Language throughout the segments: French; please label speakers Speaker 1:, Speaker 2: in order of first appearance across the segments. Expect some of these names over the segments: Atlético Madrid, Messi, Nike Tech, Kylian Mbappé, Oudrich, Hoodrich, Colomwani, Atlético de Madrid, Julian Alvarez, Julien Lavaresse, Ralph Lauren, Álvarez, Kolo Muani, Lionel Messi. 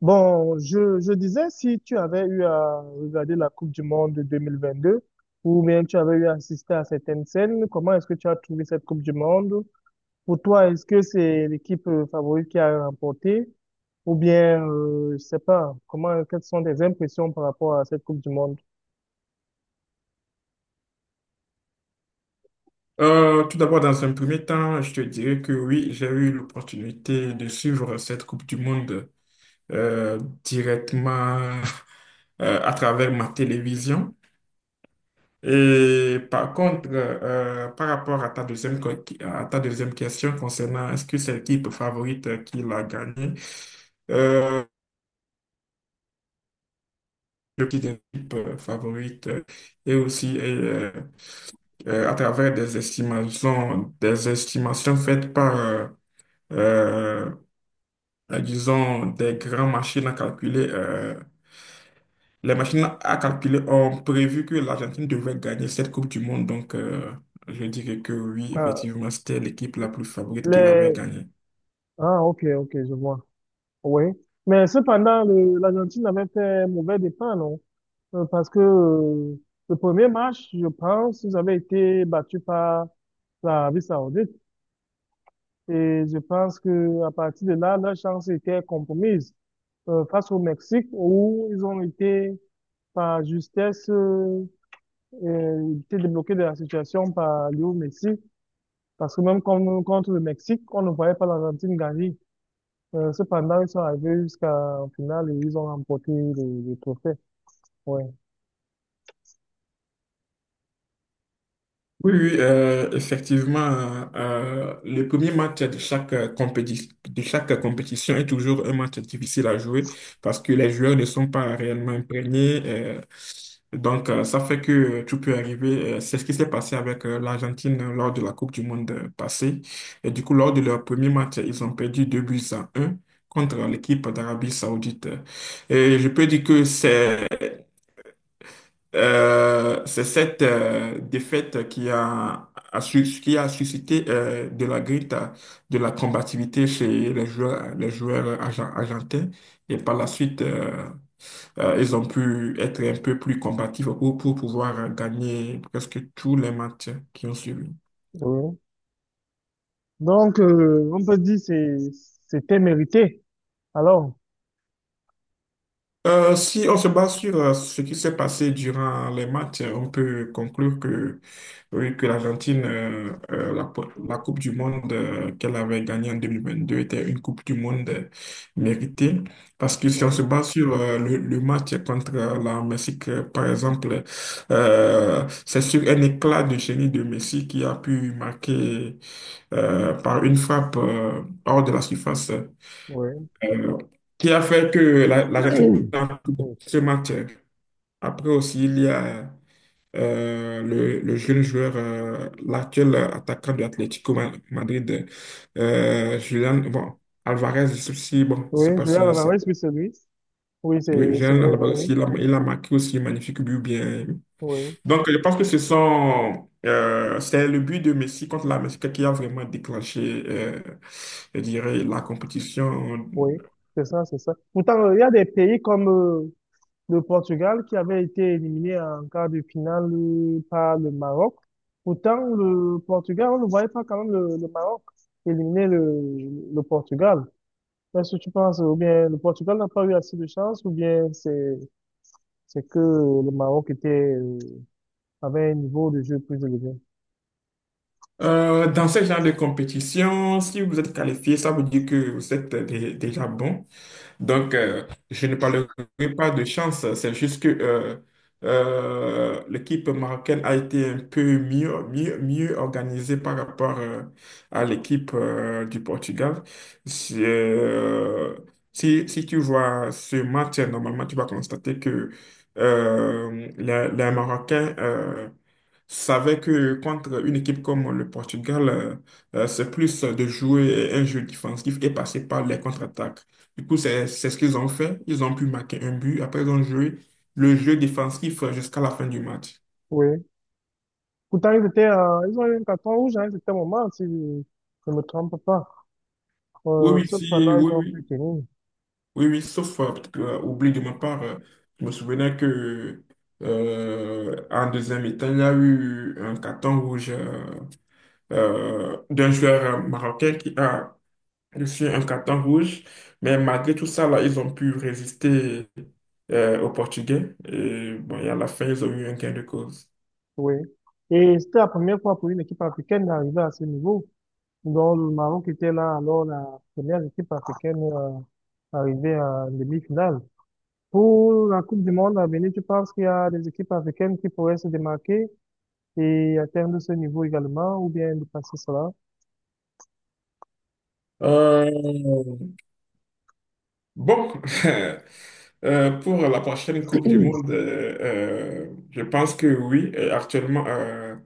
Speaker 1: Bon, je disais, si tu avais eu à regarder la Coupe du Monde de 2022, ou bien tu avais eu à assister à certaines scènes, comment est-ce que tu as trouvé cette Coupe du Monde? Pour toi, est-ce que c'est l'équipe favorite qui a remporté? Ou bien, je sais pas, comment, quelles sont tes impressions par rapport à cette Coupe du Monde?
Speaker 2: Tout d'abord, dans un premier temps, je te dirais que oui, j'ai eu l'opportunité de suivre cette Coupe du Monde euh, directement à travers ma télévision. Et par contre, par rapport à ta deuxième, à ta deuxième question concernant est-ce que c'est l'équipe favorite qui l'a gagné, euh, petite équipe favorite, et aussi, à travers des estimations faites par euh, disons, des grands machines à calculer. Les machines à calculer ont prévu que l'Argentine devait gagner cette Coupe du Monde. Donc, je dirais que oui,
Speaker 1: Ah,
Speaker 2: effectivement, c'était l'équipe la plus favorite qui l'avait
Speaker 1: les...
Speaker 2: gagnée.
Speaker 1: ah ok, ok, je vois. Oui. Mais cependant, l'Argentine avait fait mauvais départ, non? Parce que le premier match, je pense, ils avaient été battus par l'Arabie Saoudite. Et je pense que à partir de là, leur chance était compromise face au Mexique, où ils ont été par justesse été débloqués de la situation par Léo Messi. Parce que même contre le Mexique, on ne voyait pas l'Argentine gagner. Cependant, ils sont arrivés jusqu'en finale et ils ont remporté le trophée. Ouais.
Speaker 2: Oui, oui, effectivement, le premier match de chaque de chaque compétition est toujours un match difficile à jouer parce que les joueurs ne sont pas réellement imprégnés. Donc, ça fait que tout peut arriver. C'est ce qui s'est passé avec l'Argentine lors de la Coupe du Monde passée. Et du coup, lors de leur premier match, ils ont perdu 2 buts à un contre l'équipe d'Arabie Saoudite. Et je peux dire que c'est cette défaite qui a suscité de la grinta, de la combativité chez les joueurs argentins. Et par la suite, ils ont pu être un peu plus combatifs pour pouvoir gagner presque tous les matchs qui ont suivi.
Speaker 1: Oui, donc, on peut dire c'était mérité. Alors,
Speaker 2: Si on se base sur ce qui s'est passé durant les matchs, on peut conclure que, oui, que l'Argentine, la Coupe du Monde qu'elle avait gagnée en 2022 était une Coupe du Monde méritée. Parce que si on se
Speaker 1: oui,
Speaker 2: base sur le match contre la Mexique, par exemple, c'est sur un éclat de génie de Messi qui a pu marquer par une frappe hors de la surface
Speaker 1: oui.
Speaker 2: euh, qui a fait que l'Argentine a pris
Speaker 1: Oui,
Speaker 2: ce match. Après aussi, il y a le jeune joueur, l'actuel attaquant de Atlético Madrid, Julian bon, Alvarez aussi, bon, je sais
Speaker 1: oui,
Speaker 2: pas si
Speaker 1: Julien
Speaker 2: bon, c'est…
Speaker 1: Lavaresse, oui, c'est lui. Oui, c'est
Speaker 2: Oui,
Speaker 1: c'est
Speaker 2: Julian
Speaker 1: bien
Speaker 2: Alvarez
Speaker 1: lui.
Speaker 2: aussi, il a marqué aussi un magnifique but bien.
Speaker 1: Oui,
Speaker 2: Donc, je pense que ce sont… c'est le but de Messi contre la Mexique qui a vraiment déclenché, je dirais, la compétition.
Speaker 1: oui, c'est ça, c'est ça. Pourtant, il y a des pays comme le Portugal qui avait été éliminé en quart de finale par le Maroc. Pourtant, le Portugal, on ne voyait pas quand même le Maroc éliminer le Portugal. Est-ce que tu penses, ou bien le Portugal n'a pas eu assez de chance, ou bien c'est que le Maroc était, euh, avait un niveau de jeu plus élevé?
Speaker 2: Dans ce genre de compétition, si vous êtes qualifié, ça veut dire que vous êtes déjà bon. Donc, je ne parlerai pas de chance, c'est juste que l'équipe marocaine a été un peu mieux, mieux, mieux organisée par rapport à l'équipe du Portugal. C'est, euh, Si, si tu vois ce match, normalement, tu vas constater que les Marocains savaient que contre une équipe comme le Portugal, c'est plus de jouer un jeu défensif et passer par les contre-attaques. Du coup, c'est ce qu'ils ont fait. Ils ont pu marquer un but. Après, ils ont joué le jeu défensif jusqu'à la fin du match.
Speaker 1: Oui. Pourtant, ils étaient, ils ont eu un carton rouge à un certain moment, si je ne me trompe pas.
Speaker 2: Oui, oui,
Speaker 1: Cependant,
Speaker 2: si,
Speaker 1: ils
Speaker 2: oui,
Speaker 1: ont pu
Speaker 2: oui.
Speaker 1: tenir.
Speaker 2: Oui, oui, sauf, peut-être que, oubli de ma part, je me souvenais que en deuxième mi-temps, il y a eu un carton rouge d'un joueur marocain qui a reçu un carton rouge. Mais malgré tout ça, là, ils ont pu résister aux Portugais. Et bon, et à la fin, ils ont eu un gain de cause.
Speaker 1: Oui. Et c'était la première fois pour une équipe africaine d'arriver à ce niveau. Donc, le Maroc était là, alors la première équipe africaine arrivée à demi-finale. Pour la Coupe du Monde à venir, tu penses qu'il y a des équipes africaines qui pourraient se démarquer et atteindre ce niveau également, ou bien dépasser cela?
Speaker 2: Euh, Bon, pour la prochaine Coupe du Monde, je pense que oui. Et actuellement,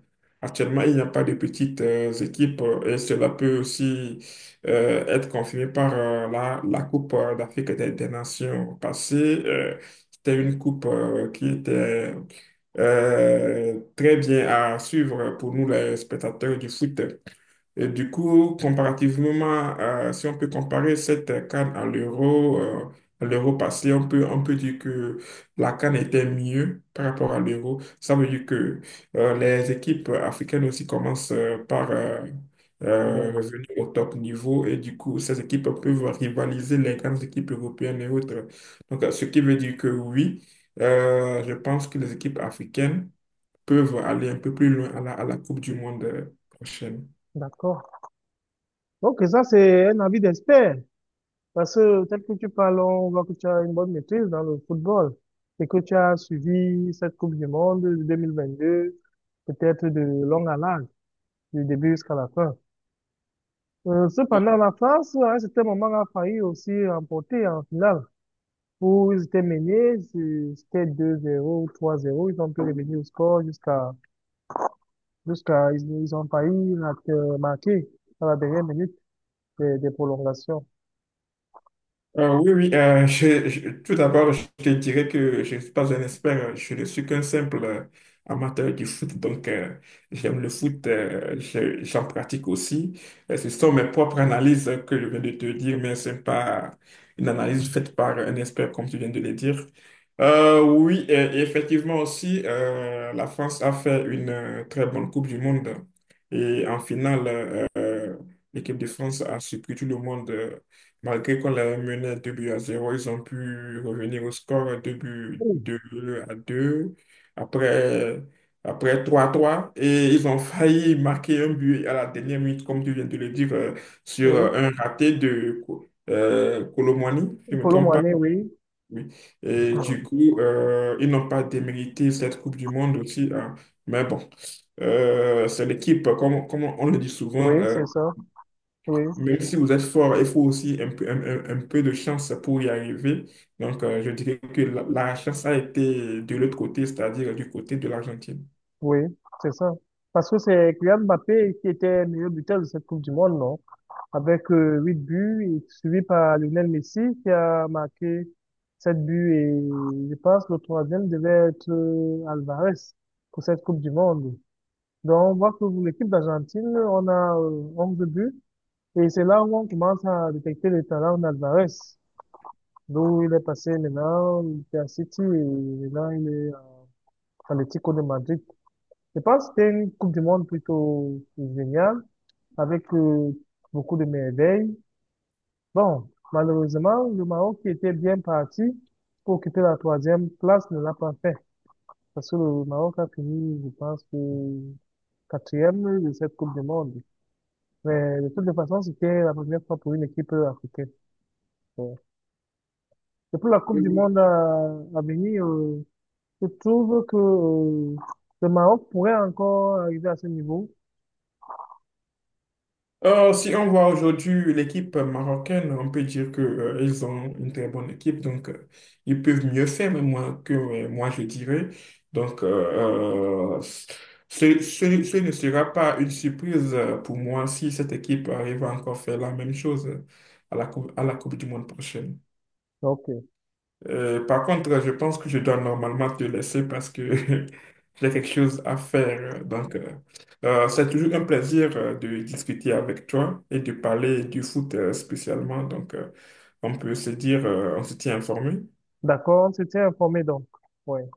Speaker 2: actuellement, il n'y a pas de petites équipes et cela peut aussi être confirmé par la, la Coupe d'Afrique des Nations passée. Euh, c'était une coupe qui était très bien à suivre pour nous, les spectateurs du foot. Et du coup, comparativement, si on peut comparer cette CAN à l'euro passé, on peut dire que la CAN était mieux par rapport à l'euro. Ça veut dire que les équipes africaines aussi commencent par
Speaker 1: Ouais,
Speaker 2: revenir au top niveau et du coup, ces équipes peuvent rivaliser les grandes équipes européennes et autres. Donc, ce qui veut dire que oui, je pense que les équipes africaines peuvent aller un peu plus loin à la Coupe du Monde prochaine.
Speaker 1: d'accord. Donc, ça, c'est un avis d'expert. Parce que, tel que tu parles, on voit que tu as une bonne maîtrise dans le football et que tu as suivi cette Coupe du Monde de 2022, peut-être de long à large, du début jusqu'à la fin. Cependant, la France, à un certain moment, a failli aussi remporter en finale, où ils étaient menés, c'était deux zéro ou trois zéro, ils ont pu revenir au score jusqu'à, jusqu'à, ils ont failli marquer à la dernière minute des prolongations.
Speaker 2: Oui, tout d'abord, je te dirais que je ne suis pas un expert, je ne suis qu'un simple amateur du foot, donc j'aime le foot, j'en pratique aussi. Ce sont mes propres analyses que je viens de te dire, mais ce n'est pas une analyse faite par un expert, comme tu viens de le dire. Oui, et effectivement aussi, la France a fait une très bonne Coupe du Monde et en finale, l'équipe de France a surpris tout le monde. Malgré qu'on l'avait mené à 2 buts à zéro, ils ont pu revenir au score 2 buts,
Speaker 1: Oui,
Speaker 2: 2 à deux, après, après trois à trois. Et ils ont failli marquer un but à la dernière minute, comme tu viens de le dire, sur
Speaker 1: oui.
Speaker 2: un raté de Colomwani, si je ne me
Speaker 1: Kolo
Speaker 2: trompe pas.
Speaker 1: Muani, oui.
Speaker 2: Oui. Et du
Speaker 1: Mm.
Speaker 2: coup, ils n'ont pas démérité cette Coupe du Monde aussi, hein. Mais bon, c'est l'équipe, comme, comme on le dit souvent.
Speaker 1: Oui, c'est ça. Oui,
Speaker 2: Même si vous êtes fort, il faut aussi un peu, un peu de chance pour y arriver. Donc, je dirais que la chance a été de l'autre côté, c'est-à-dire du côté de l'Argentine.
Speaker 1: oui, c'est ça. Parce que c'est Kylian Mbappé qui était meilleur buteur de cette Coupe du Monde, non? Avec 8 buts, et suivi par Lionel Messi qui a marqué 7 buts, et je pense le troisième devait être Alvarez pour cette Coupe du Monde. Donc on voit que pour l'équipe d'Argentine, on a 11 buts, et c'est là où on commence à détecter le talent d'Alvarez. D'où il est passé maintenant, il était à City et maintenant il est à Atlético de Madrid. Je pense que c'était une Coupe du Monde plutôt géniale avec beaucoup de merveilles. Bon, malheureusement, le Maroc qui était bien parti pour occuper la troisième place ne l'a pas fait. Parce que le Maroc a fini, je pense, que quatrième de cette Coupe du Monde. Mais de toute façon, c'était la première fois pour une équipe africaine. Donc, et pour la Coupe du Monde
Speaker 2: Oui.
Speaker 1: à venir, je trouve que le Maroc pourrait encore arriver à ce niveau.
Speaker 2: Si on voit aujourd'hui l'équipe marocaine, on peut dire que, ils ont une très bonne équipe, donc ils peuvent mieux faire, mais moi, que moi je dirais. Donc, ce ne sera pas une surprise pour moi si cette équipe arrive à encore faire la même chose à la Coupe du Monde prochaine.
Speaker 1: Donc,
Speaker 2: Par contre, je pense que je dois normalement te laisser parce que j'ai quelque chose à faire. Donc, c'est toujours un plaisir de discuter avec toi et de parler du foot spécialement. Donc, on peut se dire, on se tient informé.
Speaker 1: d'accord, on s'était informé donc. Ouais.